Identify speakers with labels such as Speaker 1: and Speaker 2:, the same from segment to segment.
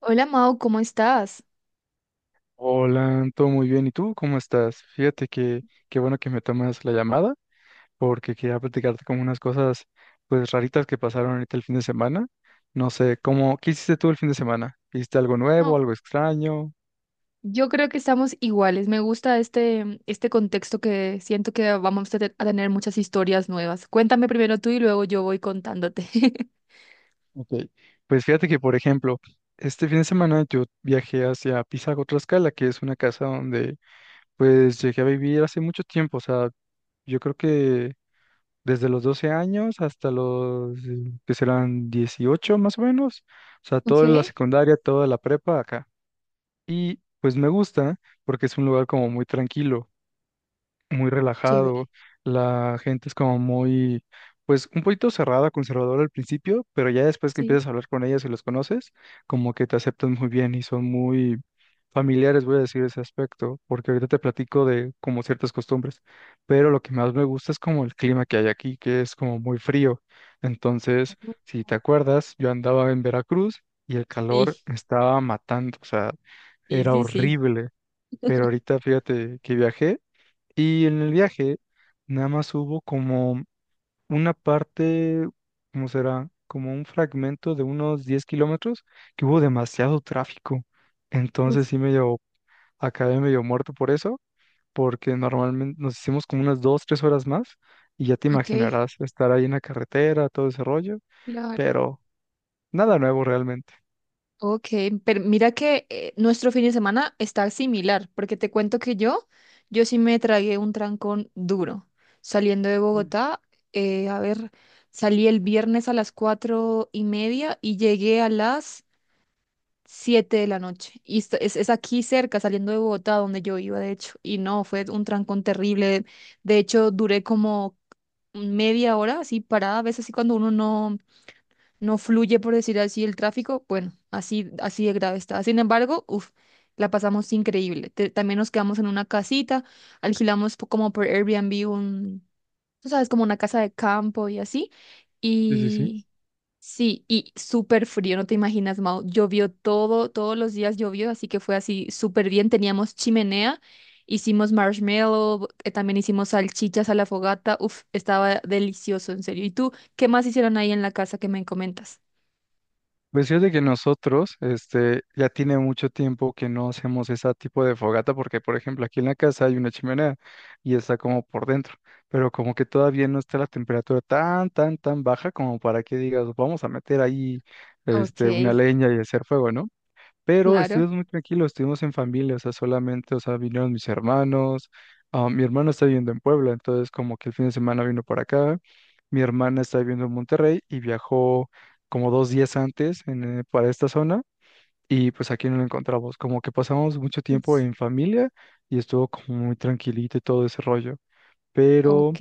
Speaker 1: Hola Mau, ¿cómo estás?
Speaker 2: Hola, todo muy bien. ¿Y tú cómo estás? Fíjate que qué bueno que me tomas la llamada porque quería platicarte como unas cosas pues raritas que pasaron ahorita el fin de semana. No sé, qué hiciste tú el fin de semana? ¿Hiciste algo nuevo,
Speaker 1: No,
Speaker 2: algo extraño?
Speaker 1: yo creo que estamos iguales. Me gusta este contexto que siento que vamos a tener muchas historias nuevas. Cuéntame primero tú y luego yo voy contándote.
Speaker 2: Ok, pues fíjate que, por ejemplo, este fin de semana yo viajé hacia Pisago, Tlaxcala, que es una casa donde pues llegué a vivir hace mucho tiempo. O sea, yo creo que desde los 12 años hasta los que serán 18, más o menos. O sea,
Speaker 1: Ok,
Speaker 2: toda la secundaria, toda la prepa acá. Y pues me gusta porque es un lugar como muy tranquilo, muy
Speaker 1: chévere.
Speaker 2: relajado. La gente es como muy, pues un poquito cerrada, conservadora al principio, pero ya después que
Speaker 1: Sí.
Speaker 2: empiezas a hablar con ellas y los conoces, como que te aceptan muy bien y son muy familiares, voy a decir ese aspecto, porque ahorita te platico de como ciertas costumbres. Pero lo que más me gusta es como el clima que hay aquí, que es como muy frío. Entonces,
Speaker 1: Ujú.
Speaker 2: si te acuerdas, yo andaba en Veracruz y el calor
Speaker 1: Sí,
Speaker 2: me estaba matando, o sea,
Speaker 1: sí,
Speaker 2: era
Speaker 1: sí, sí.
Speaker 2: horrible. Pero ahorita fíjate que viajé, y en el viaje nada más hubo como una parte, ¿cómo será? Como un fragmento de unos 10 kilómetros que hubo demasiado tráfico.
Speaker 1: Uf,
Speaker 2: Entonces, acabé medio muerto por eso, porque normalmente nos hicimos como unas 2 3 horas más, y ya te
Speaker 1: ok,
Speaker 2: imaginarás estar ahí en la carretera, todo ese rollo,
Speaker 1: claro.
Speaker 2: pero nada nuevo realmente.
Speaker 1: Ok, pero mira que nuestro fin de semana está similar, porque te cuento que yo sí me tragué un trancón duro. Saliendo de
Speaker 2: Mm.
Speaker 1: Bogotá, a ver, salí el viernes a las 4:30 y llegué a las 7 de la noche. Y es aquí cerca, saliendo de Bogotá, donde yo iba, de hecho. Y no, fue un trancón terrible. De hecho, duré como media hora así parada, a veces así cuando uno no no fluye, por decir así, el tráfico, bueno, así, así de grave está. Sin embargo, uf, la pasamos increíble. También nos quedamos en una casita, alquilamos como por Airbnb un, tú sabes, como una casa de campo y así.
Speaker 2: Sí, sí, sí.
Speaker 1: Y sí, y súper frío, no te imaginas, Mau. Llovió todo, todos los días llovió, así que fue así súper bien. Teníamos chimenea. Hicimos marshmallow, también hicimos salchichas a la fogata. Uf, estaba delicioso, en serio. ¿Y tú qué más hicieron ahí en la casa que me comentas?
Speaker 2: Pues fíjate que nosotros, este, ya tiene mucho tiempo que no hacemos ese tipo de fogata, porque por ejemplo aquí en la casa hay una chimenea y está como por dentro, pero como que todavía no está la temperatura tan, tan, tan baja como para que digas, vamos a meter ahí,
Speaker 1: Ok,
Speaker 2: una leña y hacer fuego, ¿no? Pero
Speaker 1: claro.
Speaker 2: estuvimos muy tranquilos, estuvimos en familia, o sea, solamente, o sea, vinieron mis hermanos. Ah, mi hermano está viviendo en Puebla, entonces como que el fin de semana vino para acá. Mi hermana está viviendo en Monterrey y viajó como 2 días antes para esta zona, y pues aquí no lo encontramos, como que pasamos mucho tiempo
Speaker 1: Uf,
Speaker 2: en familia y estuvo como muy tranquilito y todo ese rollo.
Speaker 1: ok.
Speaker 2: Pero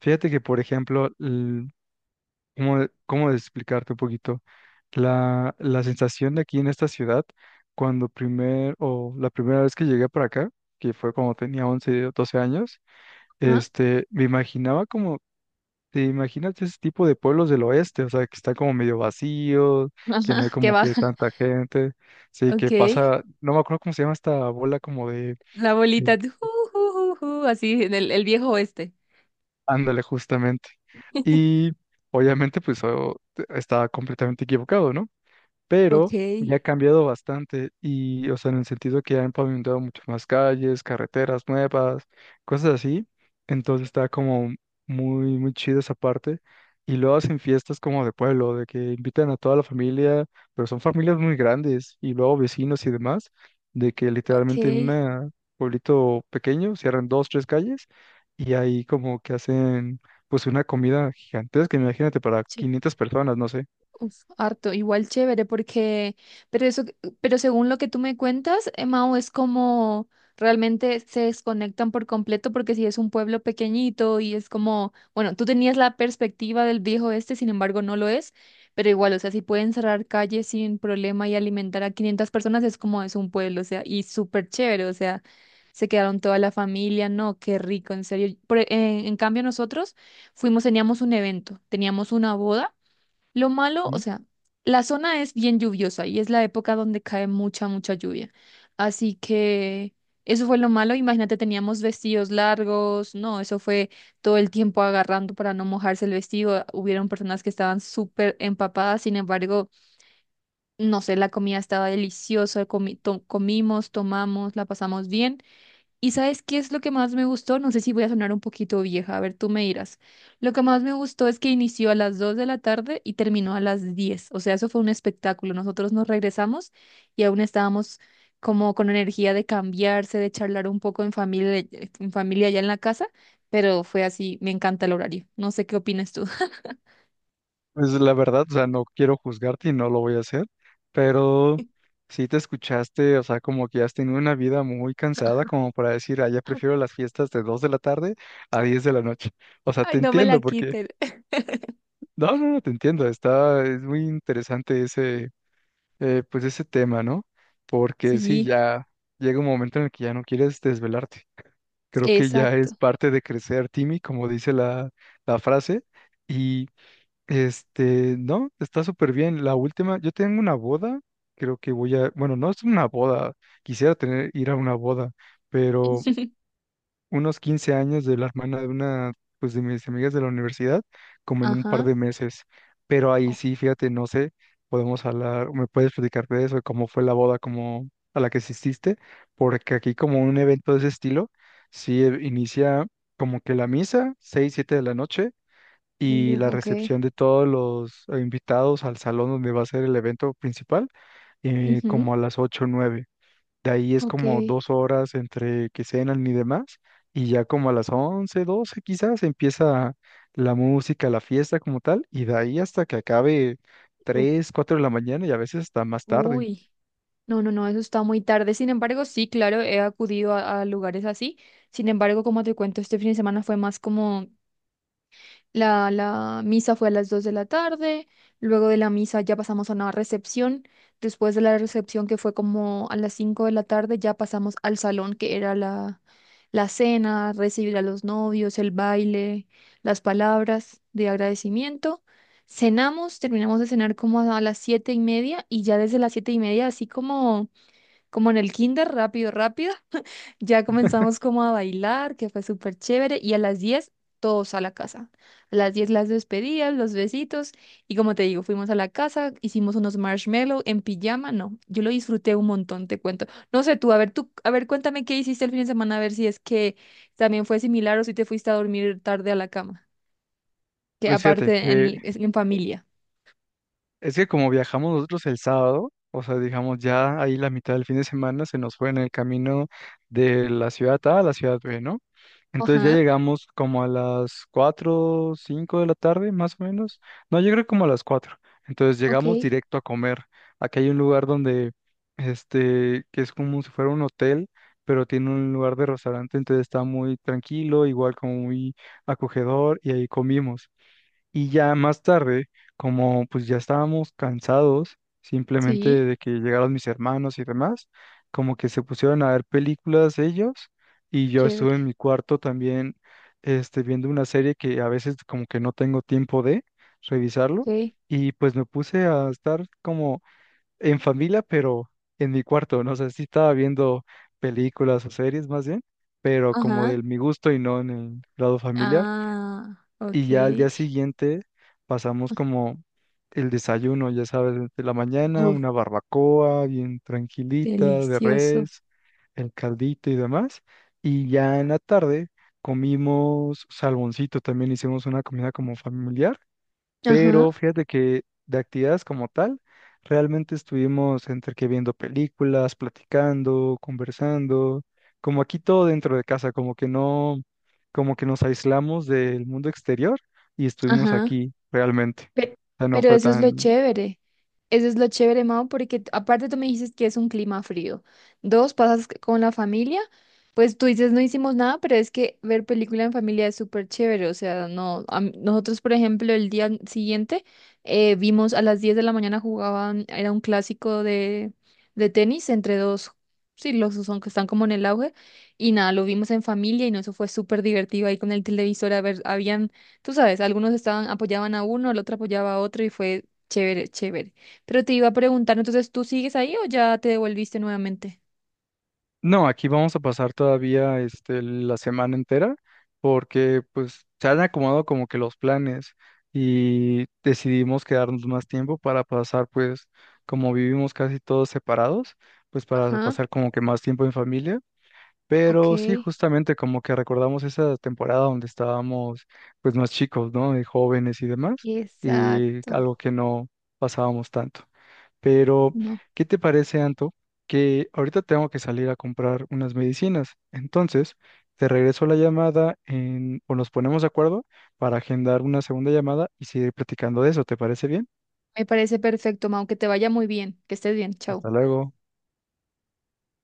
Speaker 2: fíjate que, por ejemplo, ¿Cómo de explicarte un poquito? La sensación de aquí en esta ciudad, cuando primer, o la primera vez que llegué para acá, que fue cuando tenía 11 o 12 años,
Speaker 1: ¿Ah? Ajá,
Speaker 2: este, me imaginaba como, te imaginas ese tipo de pueblos del oeste, o sea, que está como medio vacío, que no hay
Speaker 1: qué
Speaker 2: como que
Speaker 1: baja.
Speaker 2: tanta gente. Sí,
Speaker 1: Ok.
Speaker 2: que pasa, no me acuerdo cómo se llama esta bola como
Speaker 1: La bolita.
Speaker 2: de-
Speaker 1: Ju, ju, ju, ju, así, en el viejo oeste.
Speaker 2: ándale, justamente. Y obviamente, pues, oh, estaba completamente equivocado, ¿no?
Speaker 1: Ok,
Speaker 2: Pero ya ha cambiado bastante y, o sea, en el sentido que ya han pavimentado muchas más calles, carreteras nuevas, cosas así. Entonces está como muy, muy chido esa parte. Y luego hacen fiestas como de pueblo, de que invitan a toda la familia, pero son familias muy grandes y luego vecinos y demás, de que literalmente en
Speaker 1: ok.
Speaker 2: un pueblito pequeño cierran dos, tres calles y ahí como que hacen pues una comida gigantesca, imagínate, para 500 personas, no sé.
Speaker 1: Uf, harto, igual chévere, porque, pero eso, pero según lo que tú me cuentas, Mao, es como realmente se desconectan por completo, porque si es un pueblo pequeñito y es como, bueno, tú tenías la perspectiva del viejo este, sin embargo no lo es, pero igual, o sea, si pueden cerrar calles sin problema y alimentar a 500 personas, es como es un pueblo, o sea, y súper chévere, o sea, se quedaron toda la familia, no, qué rico, en serio. En cambio nosotros fuimos, teníamos un evento, teníamos una boda. Lo malo, o sea, la zona es bien lluviosa y es la época donde cae mucha, mucha lluvia. Así que eso fue lo malo. Imagínate, teníamos vestidos largos, no, eso fue todo el tiempo agarrando para no mojarse el vestido. Hubieron personas que estaban súper empapadas, sin embargo, no sé, la comida estaba deliciosa, comimos, tomamos, la pasamos bien. ¿Y sabes qué es lo que más me gustó? No sé si voy a sonar un poquito vieja, a ver, tú me dirás. Lo que más me gustó es que inició a las 2 de la tarde y terminó a las 10, o sea, eso fue un espectáculo. Nosotros nos regresamos y aún estábamos como con energía de cambiarse, de charlar un poco en familia allá en la casa, pero fue así, me encanta el horario. No sé qué opinas tú.
Speaker 2: Pues la verdad, o sea, no quiero juzgarte y no lo voy a hacer, pero sí te escuchaste, o sea, como que has tenido una vida muy cansada, como para decir, ah, ya prefiero las fiestas de 2 de la tarde a 10 de la noche. O sea,
Speaker 1: Ay,
Speaker 2: te
Speaker 1: no me la
Speaker 2: entiendo, porque,
Speaker 1: quiten.
Speaker 2: no, no, no, te entiendo, es muy interesante ese, pues ese tema, ¿no? Porque sí,
Speaker 1: Sí,
Speaker 2: ya llega un momento en el que ya no quieres desvelarte. Creo que ya es
Speaker 1: exacto.
Speaker 2: parte de crecer, Timmy, como dice la frase. Y no, está súper bien. La última, yo tengo una boda. Creo que bueno, no es una boda, quisiera ir a una boda, pero unos 15 años de la hermana de una, pues de mis amigas de la universidad, como en un par
Speaker 1: Ajá.
Speaker 2: de meses. Pero ahí
Speaker 1: Ok.
Speaker 2: sí, fíjate, no sé, podemos hablar, me puedes platicar de eso, de cómo fue la boda, como a la que asististe, porque aquí como un evento de ese estilo, sí inicia como que la misa, 6, 7 de la noche, y
Speaker 1: Uh,
Speaker 2: la
Speaker 1: ok.
Speaker 2: recepción de todos los invitados al salón donde va a ser el evento principal,
Speaker 1: Ujú,
Speaker 2: como a las 8 o 9. De ahí es
Speaker 1: ok.
Speaker 2: como dos horas entre que cenan y demás, y ya como a las 11 12 quizás empieza la música, la fiesta como tal, y de ahí hasta que acabe
Speaker 1: U-
Speaker 2: 3 4 de la mañana y a veces hasta más tarde.
Speaker 1: Uy. No, no, no, eso está muy tarde. Sin embargo, sí, claro, he acudido a lugares así. Sin embargo, como te cuento, este fin de semana fue más como la misa fue a las 2 de la tarde, luego de la misa ya pasamos a una recepción, después de la recepción que fue como a las 5 de la tarde ya pasamos al salón que era la cena, recibir a los novios, el baile, las palabras de agradecimiento. Cenamos, terminamos de cenar como a las 7:30 y ya desde las 7:30 así como en el kinder, rápido, rápido. Ya comenzamos como a bailar, que fue súper chévere. Y a las 10 todos a la casa. A las 10 las despedidas, los besitos. Y como te digo, fuimos a la casa, hicimos unos marshmallow en pijama. No, yo lo disfruté un montón, te cuento. No sé tú, a ver, cuéntame qué hiciste el fin de semana, a ver si es que también fue similar o si te fuiste a dormir tarde a la cama. Que
Speaker 2: Pues fíjate,
Speaker 1: aparte en,
Speaker 2: que
Speaker 1: en familia.
Speaker 2: es que como viajamos nosotros el sábado, o sea, digamos ya ahí la mitad del fin de semana se nos fue en el camino de la ciudad A a la ciudad B, ¿no? Entonces ya
Speaker 1: Ajá,
Speaker 2: llegamos como a las 4, 5 de la tarde, más o menos. No, yo creo como a las 4. Entonces
Speaker 1: ok,
Speaker 2: llegamos directo a comer. Aquí hay un lugar donde, que es como si fuera un hotel, pero tiene un lugar de restaurante, entonces está muy tranquilo, igual como muy acogedor, y ahí comimos. Y ya más tarde, como pues ya estábamos cansados, simplemente
Speaker 1: sí,
Speaker 2: de que llegaron mis hermanos y demás, como que se pusieron a ver películas ellos, y yo estuve en
Speaker 1: chévere,
Speaker 2: mi cuarto también, viendo una serie que a veces como que no tengo tiempo de revisarlo,
Speaker 1: ok,
Speaker 2: y pues me puse a estar como en familia, pero en mi cuarto. No sé si estaba viendo películas o series más bien, pero como de
Speaker 1: ajá.
Speaker 2: mi gusto y no en el lado familiar.
Speaker 1: Ah, ok.
Speaker 2: Y ya al día siguiente pasamos como el desayuno, ya sabes, de la mañana,
Speaker 1: Uf,
Speaker 2: una barbacoa bien tranquilita de
Speaker 1: delicioso.
Speaker 2: res, el caldito y demás. Y ya en la tarde comimos salmoncito, también hicimos una comida como familiar,
Speaker 1: Ajá,
Speaker 2: pero fíjate que de actividades como tal, realmente estuvimos entre que viendo películas, platicando, conversando, como aquí todo dentro de casa, como que no, como que nos aislamos del mundo exterior y estuvimos
Speaker 1: ajá.
Speaker 2: aquí realmente.
Speaker 1: Pe-
Speaker 2: O sea, no
Speaker 1: Pero,
Speaker 2: fue
Speaker 1: eso es lo
Speaker 2: tan.
Speaker 1: chévere. Eso es lo chévere, Mao, porque aparte tú me dices que es un clima frío. Dos, pasas con la familia, pues tú dices no hicimos nada, pero es que ver película en familia es súper chévere. O sea, no, nosotros, por ejemplo, el día siguiente vimos a las 10 de la mañana jugaban, era un clásico de tenis entre dos, sí, los dos son que están como en el auge. Y nada, lo vimos en familia y no, eso fue súper divertido ahí con el televisor. A ver, habían, tú sabes, algunos estaban, apoyaban a uno, el otro apoyaba a otro y fue chévere, chévere. Pero te iba a preguntar, entonces, ¿tú sigues ahí o ya te devolviste nuevamente?
Speaker 2: No, aquí vamos a pasar todavía, este, la semana entera, porque pues se han acomodado como que los planes y decidimos quedarnos más tiempo para pasar, pues como vivimos casi todos separados, pues para
Speaker 1: Ajá,
Speaker 2: pasar como que más tiempo en familia.
Speaker 1: ok,
Speaker 2: Pero sí, justamente como que recordamos esa temporada donde estábamos pues más chicos, ¿no? Y jóvenes y demás, y
Speaker 1: exacto.
Speaker 2: algo que no pasábamos tanto. Pero,
Speaker 1: No,
Speaker 2: ¿qué te parece, Anto? Que ahorita tengo que salir a comprar unas medicinas. Entonces, te regreso la llamada o nos ponemos de acuerdo para agendar una segunda llamada y seguir platicando de eso. ¿Te parece bien?
Speaker 1: me parece perfecto, Mau, que te vaya muy bien, que estés bien, chao.
Speaker 2: Hasta luego.